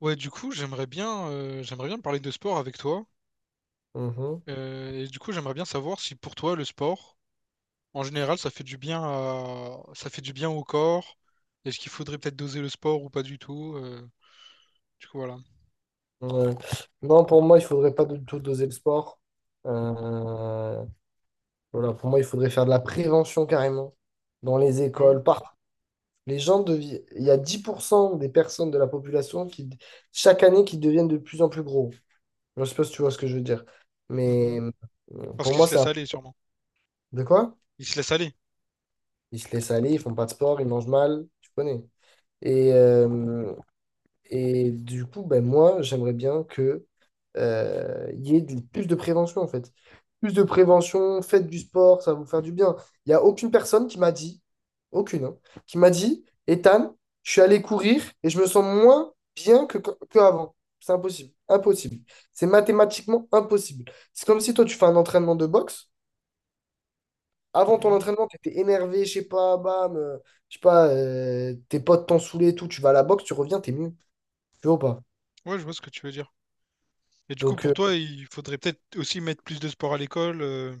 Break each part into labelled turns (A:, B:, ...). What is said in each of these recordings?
A: Ouais, du coup, j'aimerais bien parler de sport avec toi.
B: Mhm.
A: Et du coup, j'aimerais bien savoir si pour toi, le sport, en général, ça fait du bien au corps. Est-ce qu'il faudrait peut-être doser le sport ou pas du tout? Du coup, voilà.
B: Ouais. Non, pour moi, il faudrait pas du tout doser le sport. Euh, voilà, pour moi, il faudrait faire de la prévention carrément dans les
A: Ah ouais?
B: écoles. Il y a 10% des personnes de la population qui, chaque année, qui deviennent de plus en plus gros. Je sais pas si tu vois ce que je veux dire. Mais
A: Mhm. Parce
B: pour
A: qu'il
B: moi,
A: se
B: c'est
A: laisse
B: un.
A: aller, sûrement.
B: De quoi?
A: Il se laisse aller.
B: Ils se laissent aller, ils font pas de sport, ils mangent mal, tu connais. Et, euh, Et du coup, ben moi, j'aimerais bien que il y ait plus de prévention, en fait. Plus de prévention, faites du sport, ça va vous faire du bien. Il n'y a aucune personne qui m'a dit, aucune, hein, qui m'a dit, Ethan, je suis allé courir et je me sens moins bien que avant. C'est impossible. Impossible. C'est mathématiquement impossible. C'est comme si toi, tu fais un entraînement de boxe. Avant ton
A: Mhm.
B: entraînement, tu étais énervé, je sais pas, bam, je sais pas, tes potes t'ont saoulé et tout, tu vas à la boxe, tu reviens, t'es mieux. Tu vois ou pas?
A: Ouais, je vois ce que tu veux dire. Et du coup,
B: Donc,
A: pour toi, il faudrait peut-être aussi mettre plus de sport à l'école.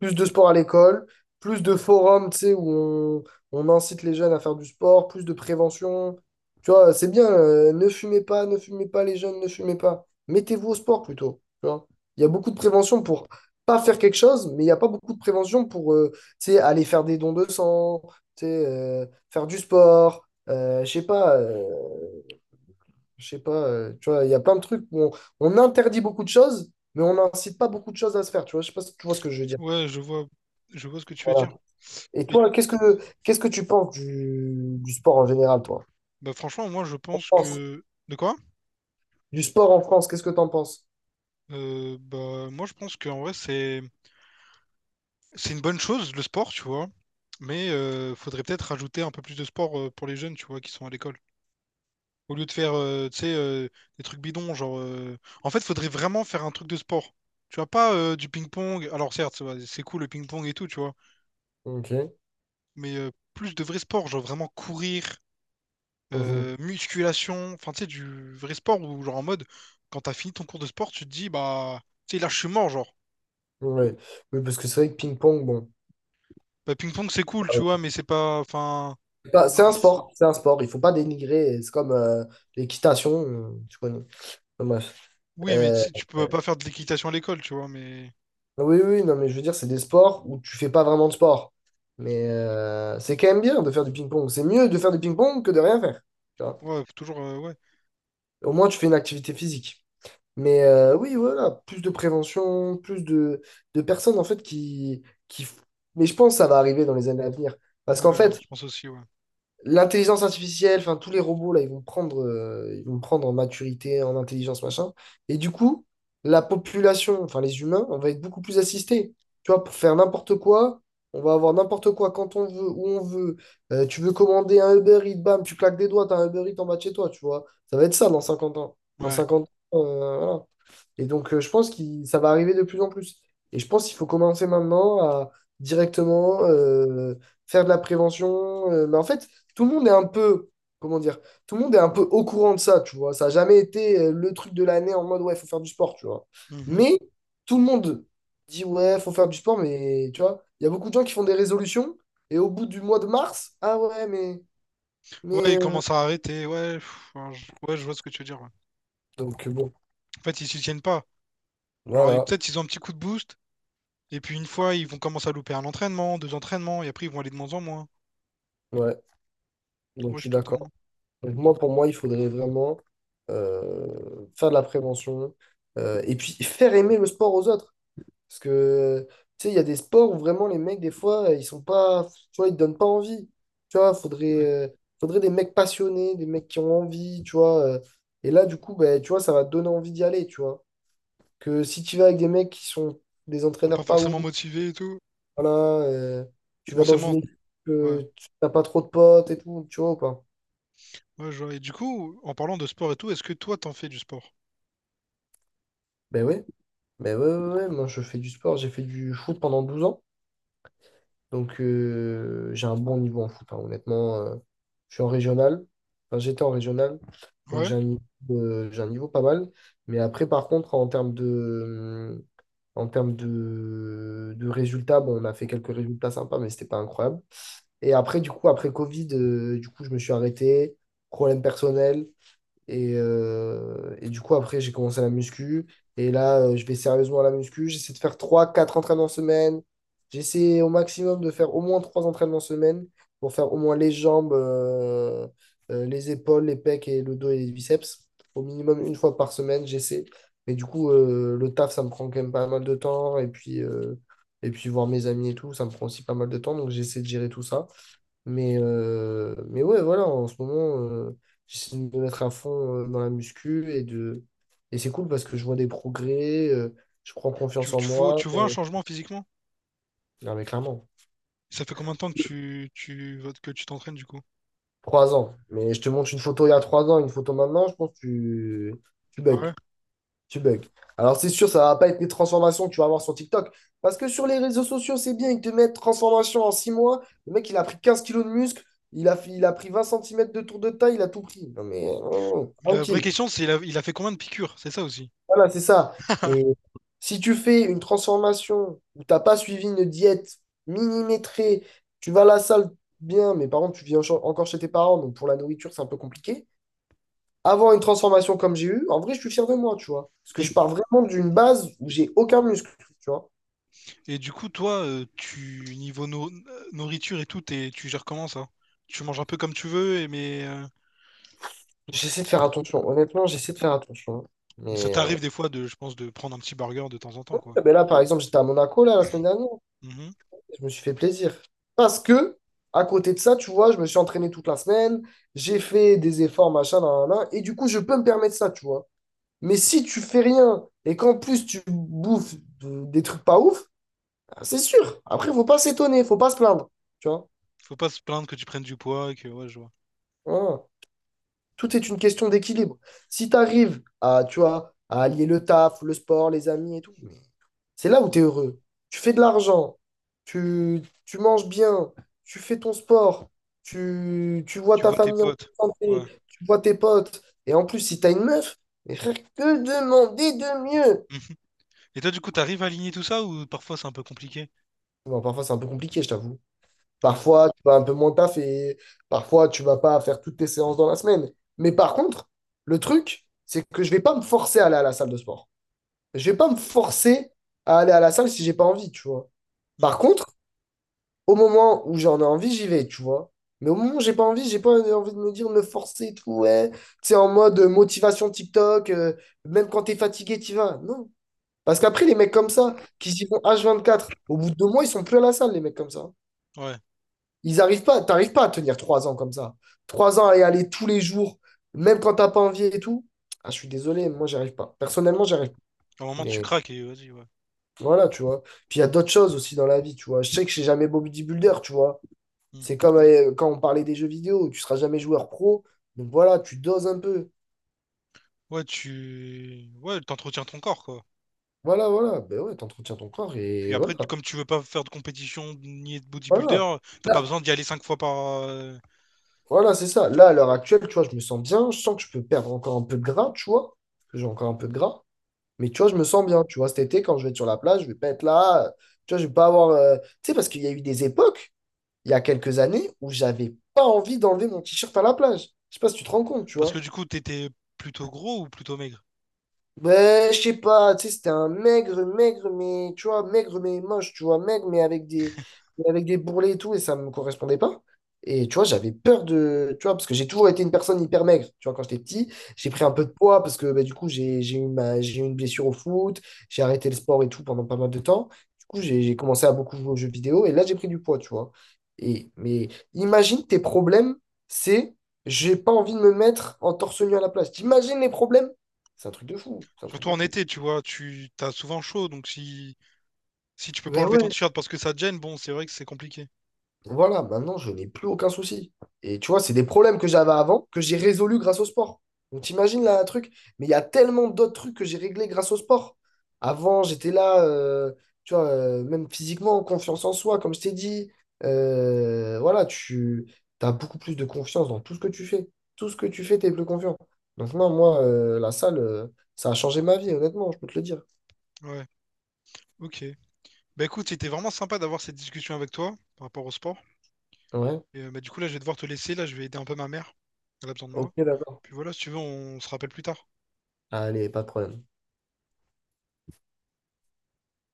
B: plus de sport à l'école, plus de forums, tu sais, où on incite les jeunes à faire du sport, plus de prévention. Tu vois, c'est bien, ne fumez pas, ne fumez pas les jeunes, ne fumez pas. Mettez-vous au sport plutôt. Tu vois. Il y a beaucoup de prévention pour pas faire quelque chose, mais il n'y a pas beaucoup de prévention pour tu sais, aller faire des dons de sang, tu sais, faire du sport. Je sais pas, je sais pas, tu vois, il y a plein de trucs où on interdit beaucoup de choses, mais on n'incite pas beaucoup de choses à se faire, tu vois, je sais pas si tu vois ce que je veux dire.
A: Ouais, je vois ce que tu veux
B: Voilà.
A: dire.
B: Et
A: Et
B: toi, qu'est-ce que tu penses du sport en général, toi?
A: bah, franchement, moi, je pense
B: France,
A: que... De quoi?
B: Du sport en France, qu'est-ce que t'en penses?
A: Bah, moi, je pense qu'en vrai, c'est... C'est une bonne chose, le sport, tu vois. Mais faudrait peut-être rajouter un peu plus de sport pour les jeunes, tu vois, qui sont à l'école. Au lieu de faire, tu sais, des trucs bidons, genre... En fait, faudrait vraiment faire un truc de sport. Tu vois, pas du ping-pong. Alors certes, ça va, c'est cool le ping-pong et tout, tu vois.
B: Ok.
A: Mais plus de vrai sport, genre vraiment courir,
B: Mhm.
A: musculation. Enfin, tu sais, du vrai sport où, genre en mode, quand t'as fini ton cours de sport, tu te dis, bah, tu sais, là, je suis mort, genre.
B: Ouais. Oui, parce que c'est vrai que ping-pong, bon.
A: Bah, ping-pong, c'est cool, tu vois, mais c'est pas... Enfin...
B: Bah,
A: bah,
B: c'est un sport, c'est un sport. Il faut pas dénigrer. C'est comme l'équitation, tu connais. Enfin, bref.
A: oui, mais tu
B: Euh,
A: sais, tu peux pas faire de l'équitation à l'école, tu vois, mais
B: oui, oui, non, mais je veux dire, c'est des sports où tu fais pas vraiment de sport. Mais c'est quand même bien de faire du ping-pong. C'est mieux de faire du ping-pong que de rien faire. Tu vois.
A: ouais, faut toujours, ouais,
B: Au moins, tu fais une activité physique. Mais oui, voilà, plus de prévention, plus de personnes en fait qui. Mais je pense que ça va arriver dans les années à venir. Parce
A: ouais,
B: qu'en fait,
A: je pense aussi, ouais.
B: l'intelligence artificielle, enfin tous les robots, là, ils vont prendre en maturité, en intelligence, machin. Et du coup, la population, enfin les humains, on va être beaucoup plus assistés. Tu vois, pour faire n'importe quoi, on va avoir n'importe quoi quand on veut, où on veut. Tu veux commander un Uber Eats, bam, tu claques des doigts, t'as un Uber Eats en bas de chez toi, tu vois. Ça va être ça dans 50 ans. Dans
A: Ouais.
B: 50 ans, voilà. Et donc, je pense que ça va arriver de plus en plus. Et je pense qu'il faut commencer maintenant à directement faire de la prévention. Mais en fait, tout le monde est un peu, comment dire, tout le monde est un peu au courant de ça, tu vois. Ça n'a jamais été le truc de l'année en mode, ouais, il faut faire du sport, tu vois.
A: Mhm.
B: Mais tout le monde dit, ouais, faut faire du sport, mais tu vois, il y a beaucoup de gens qui font des résolutions et au bout du mois de mars, ah ouais, mais...
A: Ouais,
B: mais
A: ils
B: euh,
A: commencent à arrêter, ouais, pff, alors, ouais, je vois ce que tu veux dire, ouais.
B: Donc, bon,
A: En fait, ils s'y tiennent pas. Alors, et
B: voilà,
A: peut-être ils ont un petit coup de boost, et puis une fois, ils vont commencer à louper un entraînement, deux entraînements, et après, ils vont aller de moins en moins.
B: ouais, donc
A: Ouais,
B: je
A: je suis
B: suis d'accord.
A: totalement.
B: Donc moi, pour moi, il faudrait vraiment faire de la prévention et puis faire aimer le sport aux autres. Parce que, tu sais, il y a des sports où vraiment les mecs, des fois, ils sont pas, tu vois, ils te donnent pas envie. Tu vois, faudrait,
A: Ouais.
B: euh, faudrait des mecs passionnés, des mecs qui ont envie, tu vois. Et là, du coup, ben, tu vois, ça va te donner envie d'y aller, tu vois. Que si tu vas avec des mecs qui sont des
A: Ils sont pas
B: entraîneurs pas ouf,
A: forcément motivés et tout.
B: voilà, euh, tu vas dans
A: Forcément,
B: une équipe,
A: ouais.
B: tu n'as pas trop de potes et tout, tu vois, ou pas.
A: Ouais, je vois. Et du coup, en parlant de sport et tout, est-ce que toi, t'en fais du sport?
B: Ben ouais, ben ouais, ouais, ouais, moi je fais du sport, j'ai fait du foot pendant 12 ans, donc j'ai un bon niveau en foot, hein, honnêtement. Je suis en régional, enfin j'étais en régional, donc
A: Ouais.
B: j'ai un niveau pas mal. Mais après, par contre, en termes de résultats, bon, on a fait quelques résultats sympas, mais c'était pas incroyable. Et après, du coup, après Covid, du coup, je me suis arrêté, problème personnel, et du coup, après, j'ai commencé la muscu. Et là, je vais sérieusement à la muscu. J'essaie de faire trois quatre entraînements semaine. J'essaie au maximum de faire au moins 3 entraînements semaine pour faire au moins les jambes, les épaules, les pecs et le dos et les biceps. Au minimum une fois par semaine, j'essaie. Mais du coup, le taf, ça me prend quand même pas mal de temps. Et puis voir mes amis et tout, ça me prend aussi pas mal de temps. Donc, j'essaie de gérer tout ça. Mais ouais, voilà, en ce moment, j'essaie de me mettre à fond dans la muscu et c'est cool parce que je vois des progrès, je prends
A: Tu,
B: confiance en
A: tu, vois,
B: moi.
A: tu vois un changement physiquement?
B: Non, mais clairement,
A: Ça fait combien de temps que tu t'entraînes, du coup?
B: 3 ans. Mais je te montre une photo il y a 3 ans, une photo maintenant, je pense que tu
A: Ah
B: bugs.
A: ouais.
B: Tu bugs. Alors, c'est sûr, ça va pas être les transformations que tu vas avoir sur TikTok. Parce que sur les réseaux sociaux, c'est bien, ils te mettent transformation en 6 mois. Le mec, il a pris 15 kilos de muscle, il a pris 20 centimètres de tour de taille, il a tout pris. Non, mais oh,
A: La vraie
B: tranquille.
A: question, c'est il a fait combien de piqûres? C'est ça aussi.
B: Voilà, c'est ça. Et si tu fais une transformation où t'as pas suivi une diète millimétrée, tu vas à la salle bien, mais par contre, tu vis encore chez tes parents, donc pour la nourriture, c'est un peu compliqué. Avoir une transformation comme j'ai eu, en vrai, je suis fier de moi, tu vois. Parce que je
A: Et,
B: pars vraiment d'une base où j'ai aucun muscle, tu vois.
A: et du coup, toi, tu niveau nourriture et tout, tu gères comment ça? Tu manges un peu comme tu veux, mais
B: J'essaie de faire attention. Honnêtement, j'essaie de faire attention.
A: ça
B: Mais,
A: t'arrive des fois de, je pense, de prendre un petit burger de temps en temps, quoi.
B: ah, ben là, par exemple, j'étais à Monaco là, la semaine dernière.
A: Mhm.
B: Je me suis fait plaisir. Parce que, à côté de ça, tu vois, je me suis entraîné toute la semaine, j'ai fait des efforts, machin, nan, nan, nan, et du coup, je peux me permettre ça, tu vois. Mais si tu fais rien et qu'en plus tu bouffes des trucs pas ouf, ah, c'est sûr. Après, faut pas s'étonner, faut pas se plaindre, tu vois.
A: Faut pas se plaindre que tu prennes du poids, et que ouais, je vois.
B: Voilà. Tout est une question d'équilibre. Si tu arrives à, tu vois, à allier le taf, le sport, les amis et tout, c'est là où tu es heureux. Tu fais de l'argent, tu manges bien, tu fais ton sport, tu vois
A: Tu
B: ta
A: vois tes
B: famille en
A: potes.
B: bonne santé,
A: Ouais.
B: tu vois tes potes. Et en plus, si tu as une meuf, mais frère, que demander de mieux?
A: Mhm. Et toi, du coup, t'arrives à aligner tout ça ou parfois c'est un peu compliqué?
B: Bon, parfois, c'est un peu compliqué, je t'avoue.
A: Ouais.
B: Parfois, tu vas un peu moins taffer. Parfois, tu vas pas faire toutes tes séances dans la semaine. Mais par contre, le truc, c'est que je vais pas me forcer à aller à la salle de sport. Je vais pas me forcer à aller à la salle si j'ai pas envie, tu vois. Par
A: Mhm.
B: contre, au moment où j'en ai envie, j'y vais, tu vois. Mais au moment où j'ai pas envie de me dire, de me forcer et tout, ouais. Tu sais, en mode motivation TikTok, même quand t'es fatigué, t'y vas. Non. Parce qu'après, les mecs comme ça, qui s'y vont H24, au bout de 2 mois, ils sont plus à la salle, les mecs comme ça.
A: Ouais.
B: Ils arrivent pas, t'arrives pas à tenir 3 ans comme ça. 3 ans à y aller tous les jours, même quand t'as pas envie et tout. Ah, je suis désolé, moi, j'arrive pas. Personnellement, j'arrive pas.
A: À un moment, tu
B: Mais
A: craques et vas-y, ouais.
B: voilà, tu vois. Puis il y a d'autres choses aussi dans la vie, tu vois. Je sais que je suis jamais beau bodybuilder, tu vois.
A: Mhm.
B: C'est comme quand on parlait des jeux vidéo, tu seras jamais joueur pro, donc voilà, tu doses un peu.
A: Ouais, t'entretiens ton corps, quoi.
B: Voilà, voilà, ben ouais, t'entretiens ton corps
A: Puis
B: et
A: après,
B: voilà,
A: comme tu veux pas faire de compétition ni de
B: voilà.
A: bodybuilder, t'as pas
B: Là,
A: besoin d'y aller 5 fois par. euh,
B: voilà, c'est
A: ouais.
B: ça. Là, à l'heure actuelle, tu vois, je me sens bien, je sens que je peux perdre encore un peu de gras, tu vois, parce que j'ai encore un peu de gras, mais tu vois, je me sens bien, tu vois, cet été, quand je vais être sur la plage, je vais pas être là, tu vois, je vais pas avoir. Tu sais, parce qu'il y a eu des époques, il y a quelques années, où j'avais pas envie d'enlever mon t-shirt à la plage. Je sais pas si tu te rends compte, tu
A: Parce que
B: vois.
A: du coup, t'étais plutôt gros ou plutôt maigre?
B: Ben, je sais pas, tu sais, c'était un maigre, maigre, mais, tu vois, maigre, mais moche, tu vois, maigre, mais avec des bourrelets et tout, et ça me correspondait pas. Et tu vois, j'avais peur de, tu vois, parce que j'ai toujours été une personne hyper maigre, tu vois, quand j'étais petit, j'ai
A: Hmm.
B: pris un peu de poids, parce que, ben, du coup, j'ai eu une blessure au foot, j'ai arrêté le sport et tout pendant pas mal de temps. Du coup, j'ai commencé à beaucoup jouer aux jeux vidéo, et là, j'ai pris du poids, tu vois. Et, mais imagine tes problèmes, c'est, j'ai pas envie de me mettre en torse nu à la place. T'imagines les problèmes? C'est un truc de fou. C'est un truc
A: Surtout
B: de
A: en
B: fou.
A: été, tu vois, tu t'as souvent chaud, donc si si tu peux pas
B: Ben
A: enlever ton
B: ouais.
A: t-shirt parce que ça te gêne, bon, c'est vrai que c'est compliqué.
B: Voilà, maintenant, je n'ai plus aucun souci. Et tu vois, c'est des problèmes que j'avais avant que j'ai résolus grâce au sport. Donc, t'imagines là, un truc. Mais il y a tellement d'autres trucs que j'ai réglés grâce au sport. Avant, j'étais là, tu vois, même physiquement, confiance en soi, comme je t'ai dit. Voilà, tu as beaucoup plus de confiance dans tout ce que tu fais. Tout ce que tu fais, tu es plus confiant. Donc, non, moi, la salle, ça a changé ma vie, honnêtement, je peux te le dire.
A: Ouais, ok. Bah écoute, c'était vraiment sympa d'avoir cette discussion avec toi par rapport au sport.
B: Ouais,
A: Et bah, du coup, là, je vais devoir te laisser. Là, je vais aider un peu ma mère. Elle a besoin de moi.
B: ok, d'accord.
A: Puis voilà, si tu veux, on se rappelle plus tard.
B: Allez, pas de problème.